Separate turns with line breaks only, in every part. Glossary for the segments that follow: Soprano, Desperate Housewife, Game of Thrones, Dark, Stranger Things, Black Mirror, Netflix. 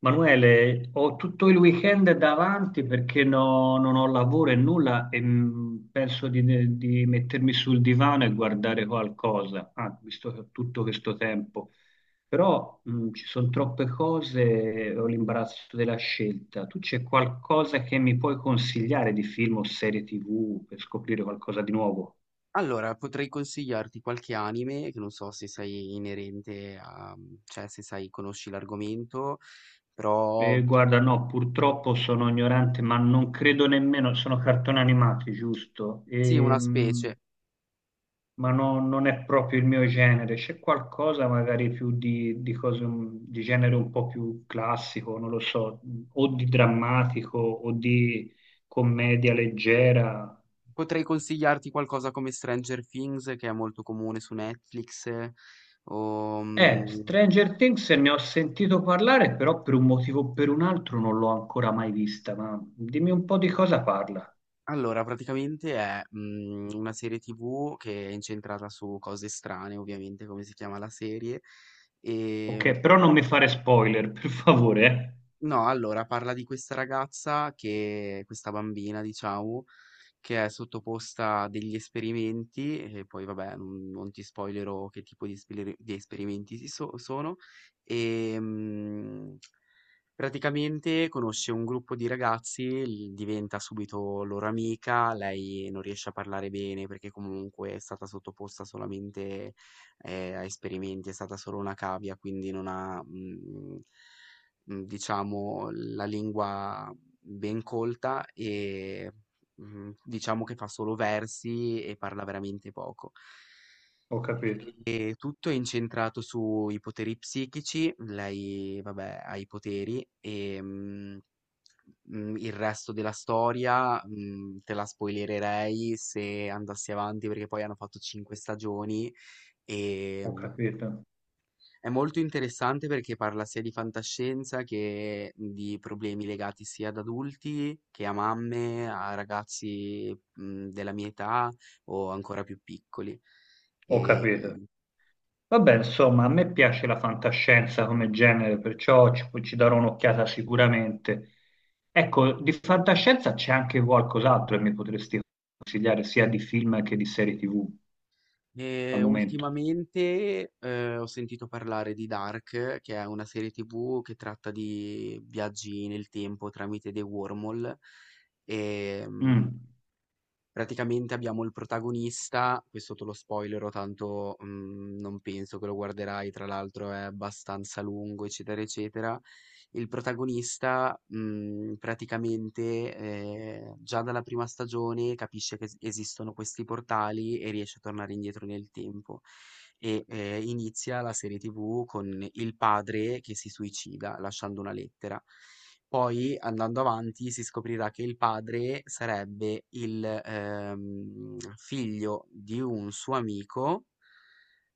Manuele, ho tutto il weekend davanti perché non ho lavoro e nulla e penso di mettermi sul divano e guardare qualcosa, ah, visto che ho tutto questo tempo. Però ci sono troppe cose e ho l'imbarazzo della scelta. Tu c'è qualcosa che mi puoi consigliare di film o serie TV per scoprire qualcosa di nuovo?
Allora, potrei consigliarti qualche anime, che non so se sei inerente a, cioè se sai, conosci l'argomento, però
Guarda, no, purtroppo sono ignorante, ma non credo nemmeno, sono cartoni animati, giusto?
sì, una specie.
Ma non è proprio il mio genere. C'è qualcosa magari più di cose, di genere un po' più classico, non lo so, o di drammatico o di commedia leggera.
Potrei consigliarti qualcosa come Stranger Things, che è molto comune su Netflix. O, mm,
Stranger Things ne ho sentito parlare, però per un motivo o per un altro non l'ho ancora mai vista, ma dimmi un po' di cosa parla.
allora, praticamente è una serie TV che è incentrata su cose strane, ovviamente, come si chiama la serie.
Ok,
ehm,
però non mi fare spoiler, per favore, eh.
No, allora parla di questa ragazza, che questa bambina, diciamo, che è sottoposta a degli esperimenti, e poi vabbè non ti spoilerò che tipo di, di esperimenti sono. E praticamente conosce un gruppo di ragazzi, diventa subito loro amica, lei non riesce a parlare bene perché comunque è stata sottoposta solamente a esperimenti, è stata solo una cavia, quindi non ha... mm, mhmm, diciamo la lingua ben colta e, diciamo che fa solo versi e parla veramente poco.
Ho capito,
E tutto è incentrato sui poteri psichici, lei vabbè ha i poteri, il resto della storia, te la spoilererei se andassi avanti perché poi hanno fatto 5 stagioni,
ho
ehm
capito,
è molto interessante perché parla sia di fantascienza che di problemi legati sia ad adulti che a mamme, a ragazzi della mia età o ancora più piccoli.
ho
E,
capito. Vabbè, insomma, a me piace la fantascienza come genere, perciò ci darò un'occhiata sicuramente. Ecco, di fantascienza c'è anche qualcos'altro che mi potresti consigliare, sia di film che di serie TV al
e
momento.
ultimamente ho sentito parlare di Dark, che è una serie TV che tratta di viaggi nel tempo tramite dei wormhole. E, mhmm,
Mm,
Praticamente abbiamo il protagonista, questo te lo spoilero, tanto non penso che lo guarderai, tra l'altro è abbastanza lungo, eccetera, eccetera. Il protagonista praticamente già dalla prima stagione capisce che esistono questi portali e riesce a tornare indietro nel tempo e, inizia la serie TV con il padre che si suicida lasciando una lettera. Poi andando avanti si scoprirà che il padre sarebbe il, figlio di un suo amico,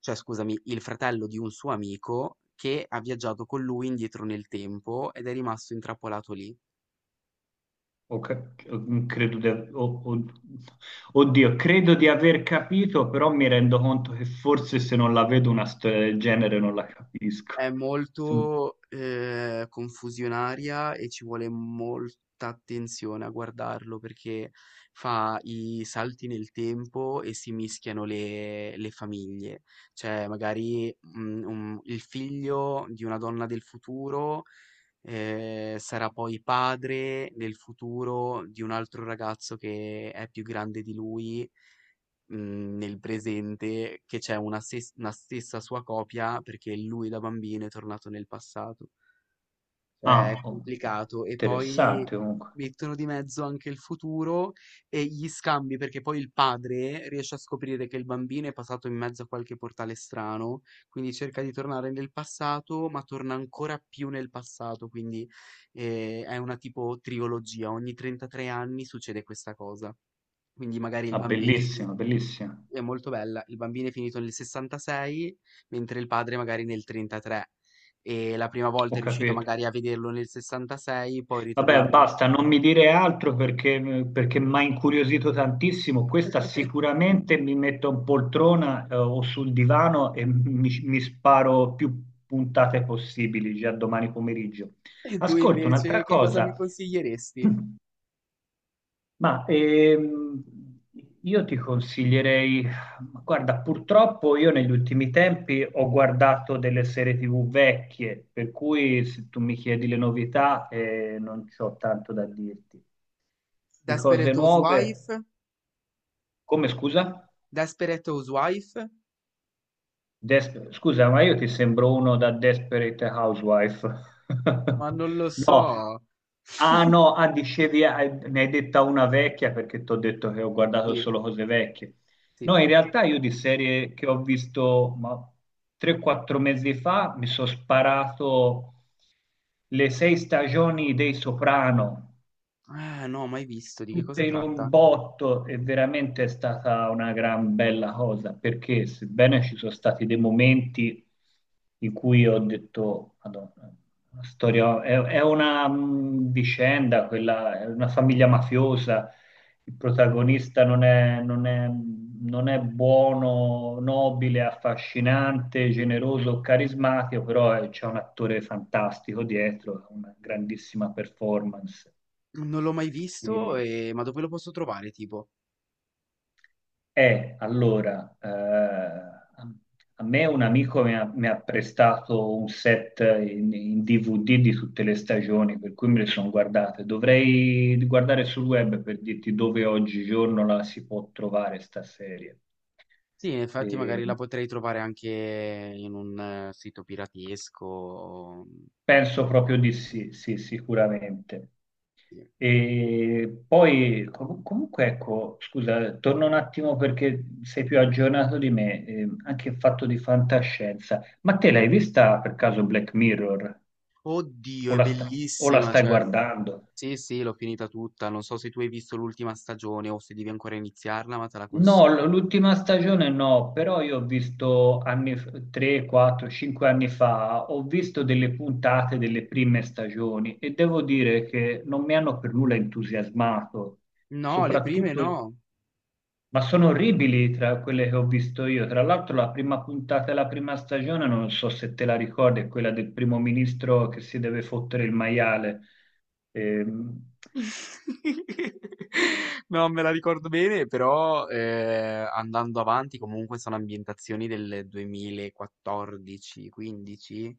cioè scusami, il fratello di un suo amico che ha viaggiato con lui indietro nel tempo ed è rimasto intrappolato lì.
ok, mm, credo di, o- oddio, credo di aver capito, però mi rendo conto che forse se non la vedo una storia del genere non la capisco.
È
Sem-
molto, confusionaria, e ci vuole molta attenzione a guardarlo perché fa i salti nel tempo e si mischiano le famiglie. Cioè magari, un il figlio di una donna del futuro sarà poi padre nel futuro di un altro ragazzo che è più grande di lui, nel presente, che c'è una, una stessa sua copia perché lui da bambino è tornato nel passato. Cioè, è
Ah, oh,
complicato. E poi
interessante comunque.
mettono di mezzo anche il futuro e gli scambi, perché poi il padre riesce a scoprire che il bambino è passato in mezzo a qualche portale strano, quindi cerca di tornare nel passato, ma torna ancora più nel passato, quindi è una tipo trilogia. Ogni 33 anni succede questa cosa. Quindi magari il
Ah,
bambino è finito,
bellissima, bellissima.
è molto bella. Il bambino è finito nel 66, mentre il padre magari nel 33. E la prima volta è
Ho
riuscito
capito.
magari a vederlo nel 66, poi
Vabbè,
ritornando.
basta, non mi dire altro perché, perché mi ha incuriosito tantissimo. Questa sicuramente mi metto in poltrona, o sul divano e mi sparo più puntate possibili già domani pomeriggio.
E tu
Ascolta, un'altra
invece che cosa mi
cosa,
consiglieresti?
ma io ti consiglierei, ma guarda, purtroppo io negli ultimi tempi ho guardato delle serie TV vecchie, per cui se tu mi chiedi le novità non c'ho tanto da dirti. Di cose
Desperate Housewife?
nuove, come scusa?
Desperate Housewife?
Scusa, ma io ti sembro uno da Desperate Housewife.
Ma non lo
No,
so.
ah no, ah, dicevi, ah, ne hai detta una vecchia perché ti ho detto che ho guardato
Sì,
solo cose vecchie.
sì.
No, in realtà io di serie che ho visto ma, 3-4 mesi fa mi sono sparato le 6 stagioni dei Soprano
Ah, no, mai visto. Di che
tutte
cosa
in un
tratta?
botto e veramente è stata una gran bella cosa perché sebbene ci sono stati dei momenti in cui ho detto, Madonna, la storia è una vicenda, quella, è una famiglia mafiosa, il protagonista non è, non è buono, nobile, affascinante, generoso, carismatico, però c'è un attore fantastico dietro, una grandissima performance.
Non l'ho mai visto,
E
ma dove lo posso trovare, tipo?
eh, allora, a me un amico mi ha prestato un set in DVD di tutte le stagioni, per cui me le sono guardate. Dovrei guardare sul web per dirti dove oggigiorno la si può trovare sta serie.
Sì, e infatti
Eh,
magari la potrei trovare anche in un sito piratesco.
penso proprio di sì, sì, sicuramente.
Sì.
E poi comunque ecco, scusa, torno un attimo perché sei più aggiornato di me, anche il fatto di fantascienza. Ma te l'hai vista per caso Black Mirror?
Oddio,
O
è
la, sta- o la
bellissima,
stai
cioè,
guardando?
sì, sì, l'ho finita tutta. Non so se tu hai visto l'ultima stagione o se devi ancora iniziarla, ma te la
No,
consiglio.
l'ultima stagione no, però io ho visto anni, 3, 4, 5 anni fa, ho visto delle puntate delle prime stagioni e devo dire che non mi hanno per nulla entusiasmato,
No, le prime no.
soprattutto... Ma sono orribili tra quelle che ho visto io. Tra l'altro, la prima puntata della prima stagione, non so se te la ricordi, è quella del primo ministro che si deve fottere il maiale. Ehm,
Non me la ricordo bene, però andando avanti comunque sono ambientazioni del 2014-15.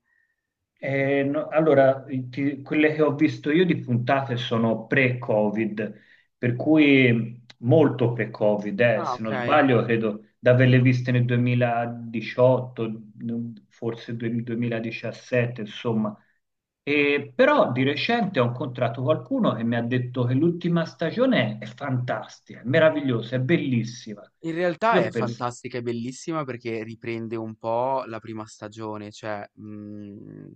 No, allora, quelle che ho visto io di puntate sono pre-Covid, per cui molto pre-Covid,
Ah,
se
ok.
non sbaglio, credo di averle viste nel 2018, forse 2017, insomma. E però di recente ho incontrato qualcuno che mi ha detto che l'ultima stagione è fantastica, è meravigliosa, è bellissima.
In realtà
Io
è
penso,
fantastica e bellissima perché riprende un po' la prima stagione, cioè,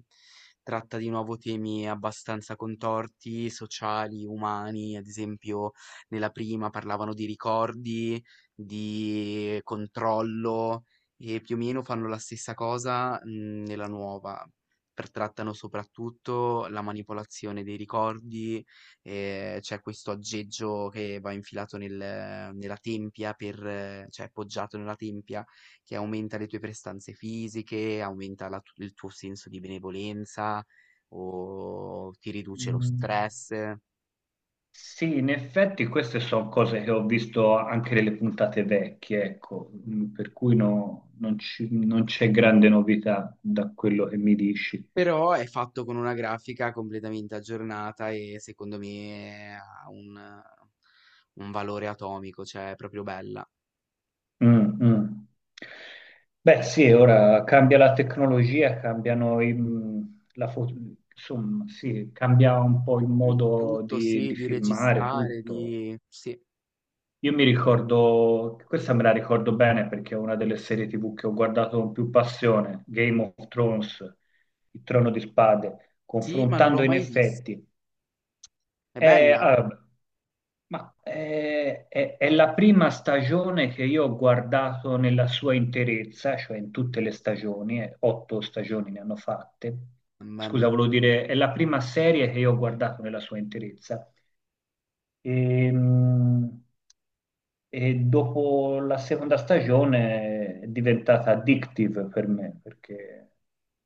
tratta di nuovo temi abbastanza contorti, sociali, umani. Ad esempio, nella prima parlavano di ricordi, di controllo, e più o meno fanno la stessa cosa, nella nuova. Per trattano soprattutto la manipolazione dei ricordi, c'è questo aggeggio che va infilato nella tempia, per, cioè appoggiato nella tempia, che aumenta le tue prestanze fisiche, aumenta il tuo senso di benevolenza o ti riduce lo stress.
sì, in effetti queste sono cose che ho visto anche nelle puntate vecchie, ecco, mm, per cui non non c'è grande novità da quello che mi dici.
Però è fatto con una grafica completamente aggiornata e secondo me ha un valore atomico, cioè è proprio bella.
Mm, mm. Beh, sì, ora cambia la tecnologia, cambiano la foto, insomma, sì, cambia un po' il
Il
modo
tutto,
di,
sì,
di
di
filmare
registrare,
tutto.
di... Sì,
Io mi ricordo, questa me la ricordo bene perché è una delle serie TV che ho guardato con più passione, Game of Thrones, il Trono di Spade,
sì, ma non l'ho
confrontando in
mai vista.
effetti.
È
È,
bella?
ah, ma è, è la prima stagione che io ho guardato nella sua interezza, cioè in tutte le stagioni, 8 stagioni ne hanno fatte.
Mamma mia.
Scusa, volevo dire, è la prima serie che io ho guardato nella sua interezza e, mh, e dopo la seconda stagione è diventata addictive per me perché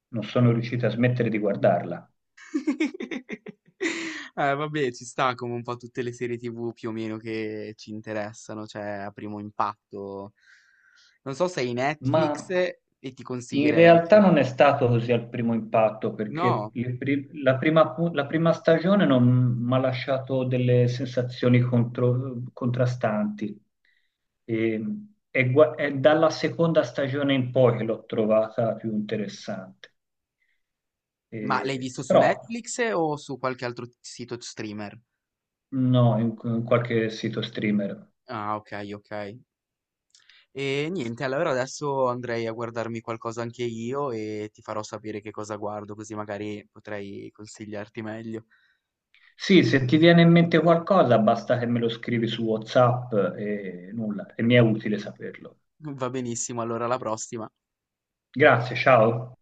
non sono riuscito a smettere di guardarla.
Vabbè, ci sta, come un po' tutte le serie TV più o meno che ci interessano, cioè a primo impatto. Non so se hai
Ma
Netflix, e ti
in
consiglierei
realtà
anche...
non è stato così al primo impatto perché
No,
il pri- la prima, pu- la prima stagione non mi ha lasciato delle sensazioni contrastanti. Ehm, E, è, è dalla seconda stagione in poi che l'ho trovata più interessante.
ma l'hai visto su
Però
Netflix o su qualche altro sito streamer?
no, in qualche sito streamer.
Ah, ok, ok. E niente, allora adesso andrei a guardarmi qualcosa anche io e ti farò sapere che cosa guardo, così magari potrei consigliarti meglio.
Sì, se ti viene in mente qualcosa, basta che me lo scrivi su WhatsApp e nulla, e mi è utile saperlo.
Va benissimo, allora alla prossima.
Grazie, ciao.